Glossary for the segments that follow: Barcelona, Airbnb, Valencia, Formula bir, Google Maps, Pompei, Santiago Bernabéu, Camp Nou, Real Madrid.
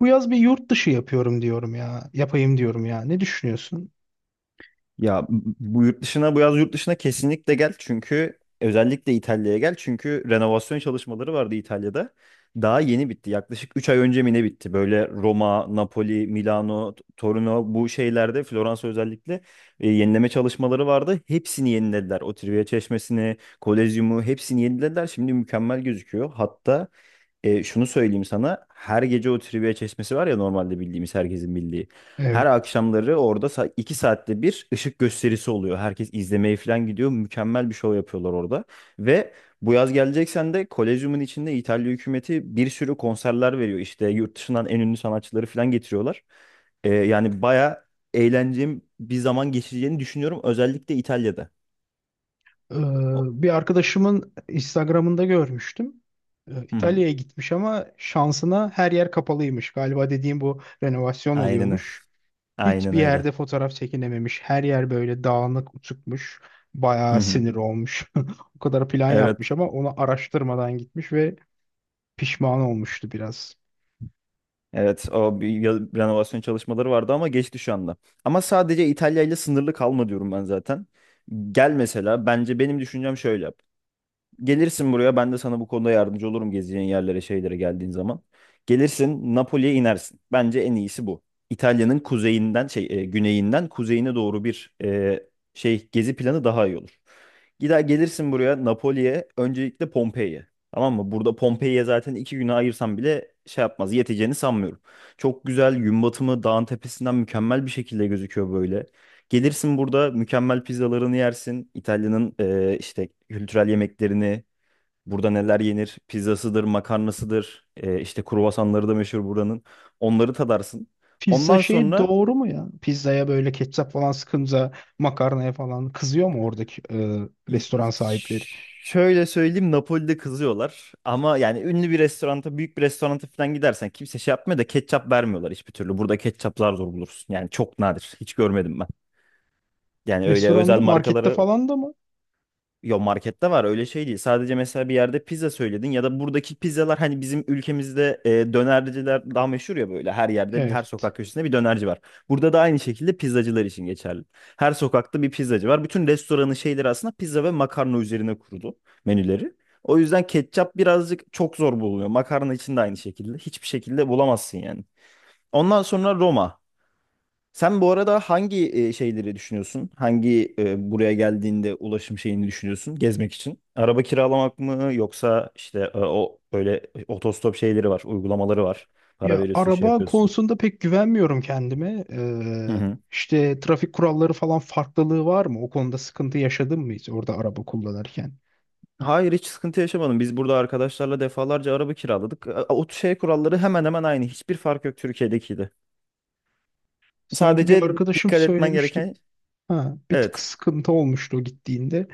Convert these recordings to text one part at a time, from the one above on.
Bu yaz bir yurt dışı yapıyorum diyorum ya. Yapayım diyorum ya. Ne düşünüyorsun? Ya bu yaz yurt dışına kesinlikle gel çünkü özellikle İtalya'ya gel çünkü renovasyon çalışmaları vardı İtalya'da. Daha yeni bitti. Yaklaşık 3 ay önce mi ne bitti? Böyle Roma, Napoli, Milano, Torino bu şehirlerde Floransa özellikle yenileme çalışmaları vardı. Hepsini yenilediler. O Trivia Çeşmesi'ni, Kolezyumu hepsini yenilediler. Şimdi mükemmel gözüküyor. Hatta şunu söyleyeyim sana. Her gece o trivia çeşmesi var ya, normalde bildiğimiz, herkesin bildiği. Her Evet. akşamları orada 2 saatte bir ışık gösterisi oluyor. Herkes izlemeye falan gidiyor. Mükemmel bir şov yapıyorlar orada. Ve bu yaz geleceksen de Kolezyum'un içinde İtalya hükümeti bir sürü konserler veriyor. İşte yurt dışından en ünlü sanatçıları falan getiriyorlar. Yani baya eğlenceli bir zaman geçireceğini düşünüyorum. Özellikle İtalya'da. Ee, O- Bir arkadaşımın Instagram'ında görmüştüm. Hı hı. İtalya'ya gitmiş ama şansına her yer kapalıymış. Galiba dediğim bu renovasyon Aynen, oluyormuş. aynen Hiçbir öyle. yerde fotoğraf çekinememiş. Her yer böyle dağınık, uçukmuş. Hı Bayağı hı. sinir olmuş. O kadar plan Evet. yapmış ama onu araştırmadan gitmiş ve pişman olmuştu biraz. Evet, o bir renovasyon çalışmaları vardı ama geçti şu anda. Ama sadece İtalya ile sınırlı kalma diyorum ben zaten. Gel mesela, bence benim düşüncem şöyle yap. Gelirsin buraya, ben de sana bu konuda yardımcı olurum gezeceğin yerlere, şeylere geldiğin zaman. Gelirsin, Napoli'ye inersin. Bence en iyisi bu. İtalya'nın kuzeyinden, şey, güneyinden kuzeyine doğru bir şey gezi planı daha iyi olur. Gider gelirsin buraya Napoli'ye. Öncelikle Pompei'ye. Tamam mı? Burada Pompei'ye zaten 2 güne ayırsam bile şey yapmaz. Yeteceğini sanmıyorum. Çok güzel gün batımı dağın tepesinden mükemmel bir şekilde gözüküyor böyle. Gelirsin burada mükemmel pizzalarını yersin. İtalya'nın işte kültürel yemeklerini, burada neler yenir? Pizzasıdır, makarnasıdır. İşte kruvasanları da meşhur buranın. Onları tadarsın. Pizza Ondan şeyi sonra doğru mu ya? Pizzaya böyle ketçap falan sıkınca makarnaya falan kızıyor mu oradaki Y- restoran sahipleri? şöyle söyleyeyim, Napoli'de kızıyorlar ama yani ünlü bir restoranta, büyük bir restoranta falan gidersen kimse şey yapmıyor da ketçap vermiyorlar hiçbir türlü. Burada ketçaplar zor bulursun yani, çok nadir, hiç görmedim ben. Yani öyle Restoranda, özel markette markaları. falan da mı? Yo, markette var, öyle şey değil. Sadece mesela bir yerde pizza söyledin ya da buradaki pizzalar, hani bizim ülkemizde dönerciler daha meşhur ya, böyle her yerde, her Evet. sokak köşesinde bir dönerci var. Burada da aynı şekilde pizzacılar için geçerli. Her sokakta bir pizzacı var. Bütün restoranın şeyleri aslında pizza ve makarna üzerine kurulu menüleri. O yüzden ketçap birazcık çok zor bulunuyor. Makarna için de aynı şekilde. Hiçbir şekilde bulamazsın yani. Ondan sonra Roma. Sen bu arada hangi şeyleri düşünüyorsun? Hangi buraya geldiğinde ulaşım şeyini düşünüyorsun gezmek için? Araba kiralamak mı yoksa işte o böyle otostop şeyleri var, uygulamaları var. Para Ya veriyorsun, şey araba yapıyorsun. konusunda pek güvenmiyorum kendime. Hı hı. İşte trafik kuralları falan farklılığı var mı? O konuda sıkıntı yaşadın mı hiç orada araba kullanırken? Hayır, hiç sıkıntı yaşamadım. Biz burada arkadaşlarla defalarca araba kiraladık. O şey kuralları hemen hemen aynı. Hiçbir fark yok Türkiye'dekiydi. Sanki bir Sadece arkadaşım dikkat etmen söylemişti. gereken, Ha, bir tık evet. sıkıntı olmuştu o gittiğinde.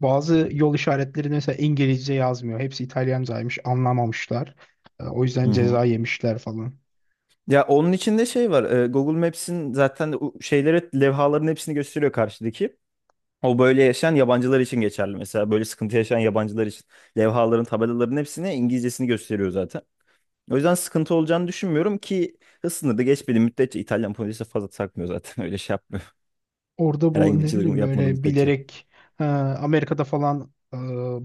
Bazı yol işaretleri mesela İngilizce yazmıyor. Hepsi İtalyancaymış, anlamamışlar. O Hı yüzden hı. ceza yemişler falan. Ya onun içinde şey var. Google Maps'in zaten o şeyleri, levhaların hepsini gösteriyor karşıdaki. O böyle yaşayan yabancılar için geçerli mesela. Böyle sıkıntı yaşayan yabancılar için. Levhaların, tabelaların hepsine İngilizcesini gösteriyor zaten. O yüzden sıkıntı olacağını düşünmüyorum, ki hız sınırı da geçmediği müddetçe İtalyan polisi fazla takmıyor zaten. Öyle şey yapmıyor. Orada Herhangi bu bir ne çılgınlık bileyim yapmadığı böyle müddetçe. bilerek Amerika'da falan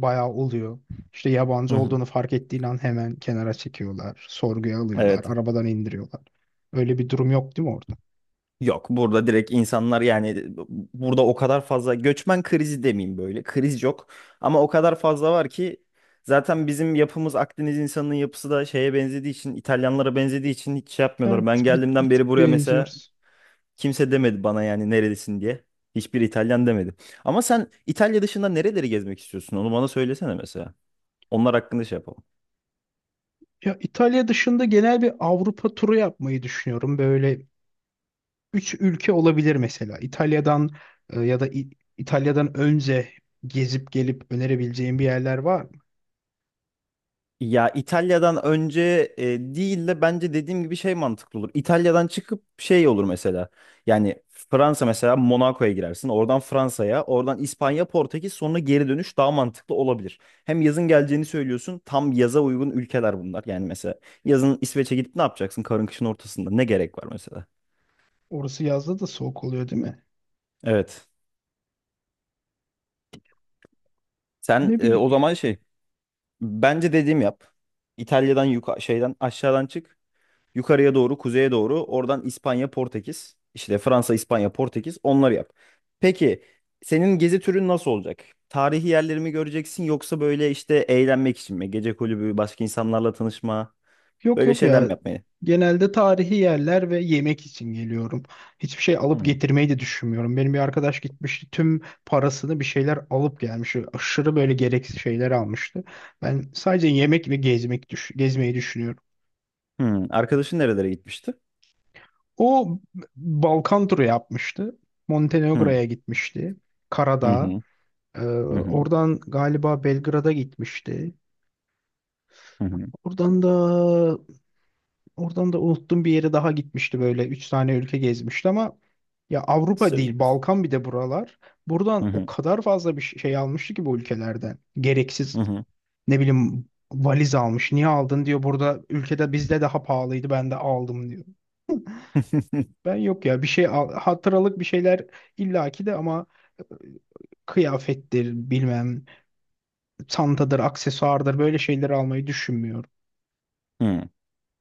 bayağı oluyor. İşte Hı yabancı hı. olduğunu fark ettiğin an hemen kenara çekiyorlar, sorguya alıyorlar, Evet. arabadan indiriyorlar. Öyle bir durum yok değil mi orada? Yok, burada direkt insanlar yani, burada o kadar fazla göçmen krizi demeyeyim böyle. Kriz yok. Ama o kadar fazla var ki zaten bizim yapımız, Akdeniz insanının yapısı da şeye benzediği için, İtalyanlara benzediği için hiç şey yapmıyorlar. Evet, Ben bir, bir geldiğimden tık beri buraya mesela benziyoruz. kimse demedi bana yani neredesin diye. Hiçbir İtalyan demedi. Ama sen İtalya dışında nereleri gezmek istiyorsun? Onu bana söylesene mesela. Onlar hakkında şey yapalım. Ya İtalya dışında genel bir Avrupa turu yapmayı düşünüyorum. Böyle üç ülke olabilir mesela. İtalya'dan e, ya da İ- İtalya'dan önce gezip gelip önerebileceğim bir yerler var mı? Ya İtalya'dan önce değil de bence dediğim gibi şey mantıklı olur. İtalya'dan çıkıp şey olur mesela. Yani Fransa mesela, Monaco'ya girersin. Oradan Fransa'ya, oradan İspanya, Portekiz, sonra geri dönüş daha mantıklı olabilir. Hem yazın geleceğini söylüyorsun. Tam yaza uygun ülkeler bunlar. Yani mesela yazın İsveç'e gidip ne yapacaksın? Karın kışın ortasında ne gerek var mesela? Orası yazda da soğuk oluyor değil mi? Evet. Sen Ne bileyim. o zaman şey, bence dediğim yap. İtalya'dan şeyden, aşağıdan çık. Yukarıya doğru, kuzeye doğru. Oradan İspanya, Portekiz. İşte Fransa, İspanya, Portekiz. Onları yap. Peki senin gezi türün nasıl olacak? Tarihi yerleri mi göreceksin, yoksa böyle işte eğlenmek için mi? Gece kulübü, başka insanlarla tanışma, Yok böyle yok şeyler mi ya. yapmayı? Genelde tarihi yerler ve yemek için geliyorum. Hiçbir şey alıp Hmm. getirmeyi de düşünmüyorum. Benim bir arkadaş gitmişti. Tüm parasını bir şeyler alıp gelmiş. Aşırı böyle gereksiz şeyler almıştı. Ben sadece yemek ve gezmek düş gezmeyi düşünüyorum. Hmm. Arkadaşın nerelere gitmişti? O Balkan turu yapmıştı. Hmm. Montenegro'ya gitmişti. Hı Karadağ. hı. Ee, Hı hı. Oradan galiba Belgrad'a gitmişti. Hı hı. Oradan da oradan da unuttum bir yere daha gitmişti böyle. Üç tane ülke gezmişti ama ya Avrupa değil Sırp- Balkan bir de buralar. Buradan Hı o hı. kadar fazla bir şey almıştı ki bu ülkelerden. Hı Gereksiz hı. ne bileyim valiz almış. Niye aldın diyor. Burada ülkede bizde daha pahalıydı ben de aldım diyor. Ben yok ya hatıralık bir şeyler illaki de ama kıyafettir, bilmem çantadır, aksesuardır böyle şeyleri almayı düşünmüyorum.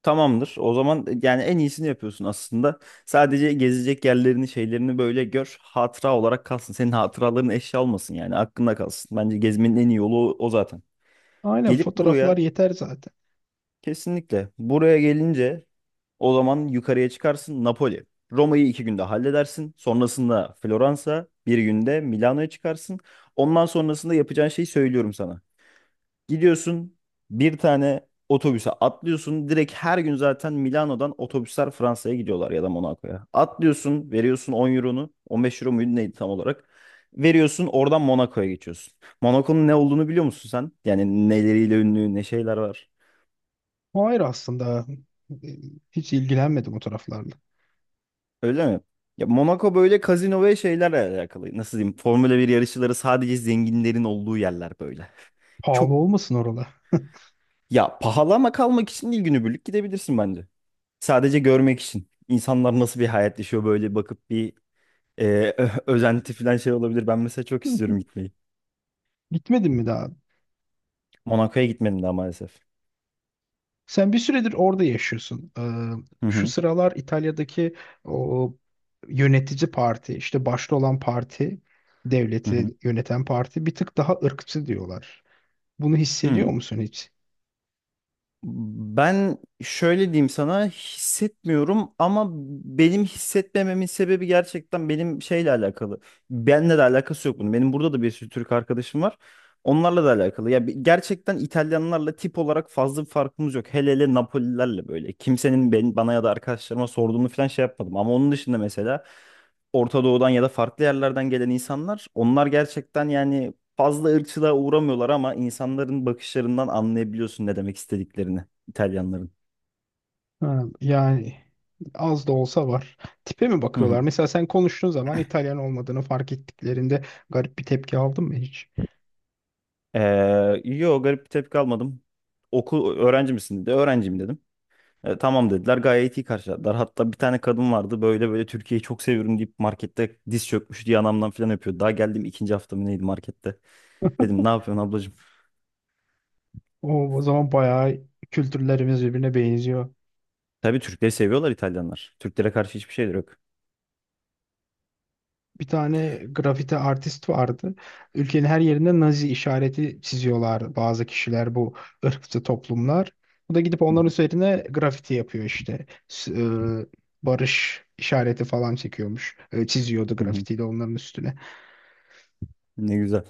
Tamamdır. O zaman yani en iyisini yapıyorsun aslında. Sadece gezecek yerlerini, şeylerini böyle gör. Hatıra olarak kalsın. Senin hatıraların eşya olmasın yani. Aklında kalsın. Bence gezmenin en iyi yolu o, o zaten. Aynen Gelip fotoğraflar buraya yeter zaten. kesinlikle. Buraya gelince o zaman yukarıya çıkarsın, Napoli. Roma'yı 2 günde halledersin. Sonrasında Floransa, bir günde Milano'ya çıkarsın. Ondan sonrasında yapacağın şeyi söylüyorum sana. Gidiyorsun, bir tane otobüse atlıyorsun. Direkt her gün zaten Milano'dan otobüsler Fransa'ya gidiyorlar ya da Monaco'ya. Atlıyorsun, veriyorsun 10 euronu. 15 euro muydu neydi tam olarak. Veriyorsun, oradan Monaco'ya geçiyorsun. Monaco'nun ne olduğunu biliyor musun sen? Yani neleriyle ünlü, ne şeyler var. Hayır aslında e, hiç ilgilenmedim o taraflarla. Öyle mi? Ya Monaco böyle kazino ve şeylerle alakalı. Nasıl diyeyim? Formula bir yarışçıları, sadece zenginlerin olduğu yerler böyle. Çok, Pahalı olmasın oralar. ya pahalı, ama kalmak için değil, günübirlik gidebilirsin bence. Sadece görmek için. İnsanlar nasıl bir hayat yaşıyor, böyle bakıp bir e, özenti falan şey olabilir. Ben mesela çok istiyorum gitmeyi. Gitmedin mi daha? Monaco'ya gitmedim daha maalesef. Sen bir süredir orada yaşıyorsun. Hı Şu hı. sıralar İtalya'daki o yönetici parti, işte başta olan parti, Hı hı. devleti yöneten parti bir tık daha ırkçı diyorlar. Bunu Hı. hissediyor musun hiç? Ben şöyle diyeyim sana, hissetmiyorum ama benim hissetmememin sebebi gerçekten benim şeyle alakalı. Benle de alakası yok bunun. Benim burada da bir sürü Türk arkadaşım var. Onlarla da alakalı. Ya gerçekten İtalyanlarla tip olarak fazla bir farkımız yok. Hele hele Napolilerle böyle. Kimsenin ben, bana ya da arkadaşlarıma sorduğunu falan şey yapmadım. Ama onun dışında mesela Orta Doğu'dan ya da farklı yerlerden gelen insanlar, onlar gerçekten yani fazla ırkçılığa uğramıyorlar, ama insanların bakışlarından anlayabiliyorsun ne demek istediklerini, İtalyanların. Ha, yani az da olsa var. Tipe mi Hı bakıyorlar? hı. Mesela sen konuştuğun zaman İtalyan olmadığını fark ettiklerinde garip bir tepki aldın mı hiç? Yo, garip bir tepki almadım. Okul, öğrenci misin dedi. Öğrenciyim dedim. Tamam" dediler. Gayet iyi karşıladılar. Hatta bir tane kadın vardı, böyle böyle "Türkiye'yi çok seviyorum" deyip markette diz çökmüş diye anamdan falan öpüyordu. Daha geldim ikinci haftamı neydi markette. Dedim ne yapıyorsun ablacığım? O, o zaman bayağı kültürlerimiz birbirine benziyor. Tabii Türkleri seviyorlar İtalyanlar. Türklere karşı hiçbir şeyleri yok. Bir tane grafiti artist vardı. Ülkenin her yerinde Nazi işareti çiziyorlar bazı kişiler bu ırkçı toplumlar. Bu da gidip onların üzerine grafiti yapıyor işte. Barış işareti falan çekiyormuş. Çiziyordu Hı hı. grafitiyle onların üstüne. Ne güzel.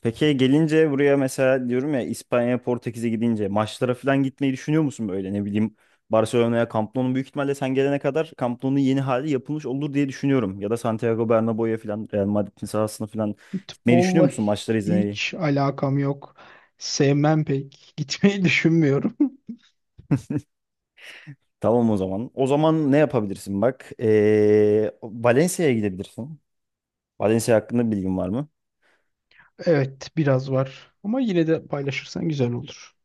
Peki gelince buraya mesela, diyorum ya, İspanya, Portekiz'e gidince maçlara falan gitmeyi düşünüyor musun, böyle ne bileyim, Barcelona'ya, Camp Nou'nun büyük ihtimalle sen gelene kadar Camp Nou'nun yeni hali yapılmış olur diye düşünüyorum. Ya da Santiago Bernabéu'ya falan, Real Madrid'in sahasına falan gitmeyi düşünüyor Futbolla musun maçları izlemeyi? hiç alakam yok. Sevmem pek. Gitmeyi düşünmüyorum. Tamam, o zaman. O zaman ne yapabilirsin bak? Valencia'ya gidebilirsin. Valencia hakkında bilgin var mı? Evet, biraz var. Ama yine de paylaşırsan güzel olur.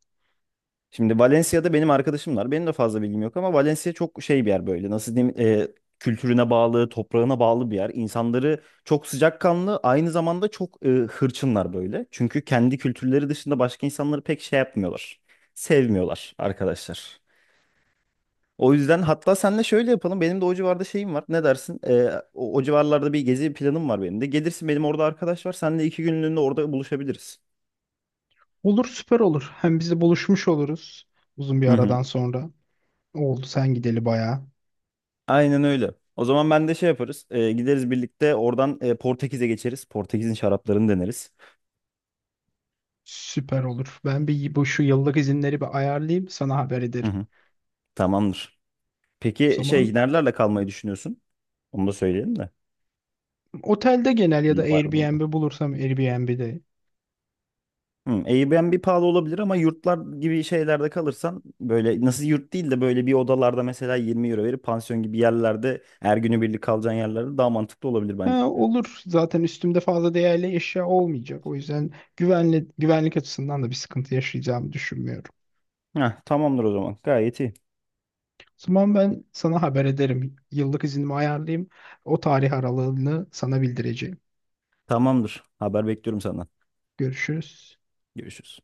Şimdi Valencia'da benim arkadaşımlar. Benim de fazla bilgim yok ama Valencia çok şey bir yer böyle. Nasıl diyeyim? Kültürüne bağlı, toprağına bağlı bir yer. İnsanları çok sıcakkanlı, aynı zamanda çok hırçınlar böyle. Çünkü kendi kültürleri dışında başka insanları pek şey yapmıyorlar. Sevmiyorlar arkadaşlar. O yüzden hatta senle şöyle yapalım. Benim de o civarda şeyim var. Ne dersin? O civarlarda bir gezi planım var benim de. Gelirsin, benim orada arkadaş var. Seninle 2 günlüğüne orada buluşabiliriz. Olur, süper olur. Hem biz de buluşmuş oluruz uzun bir Hı hı. aradan sonra. Oldu sen gideli bayağı. Aynen öyle. O zaman ben de şey yaparız. Gideriz birlikte oradan Portekiz'e geçeriz. Portekiz'in şaraplarını deneriz. Süper olur. Ben bu şu yıllık izinleri bir ayarlayayım, sana haber Hı ederim. hı. Tamamdır. O Peki zaman şey, nerelerle kalmayı düşünüyorsun? Onu da söyleyelim de. otelde genel ya da İyi bakalım o. Airbnb bulursam Airbnb'de. Hı, Airbnb pahalı olabilir, ama yurtlar gibi şeylerde kalırsan, böyle nasıl, yurt değil de böyle bir odalarda mesela 20 euro verip pansiyon gibi yerlerde, her günü birlik kalacağın yerlerde daha mantıklı olabilir bence. Ha, olur. Zaten üstümde fazla değerli eşya olmayacak. O yüzden güvenli, güvenlik açısından da bir sıkıntı yaşayacağımı düşünmüyorum. Heh, tamamdır o zaman. Gayet iyi. O zaman ben sana haber ederim. Yıllık iznimi ayarlayayım. O tarih aralığını sana bildireceğim. Tamamdır. Haber bekliyorum senden. Görüşürüz. Görüşürüz.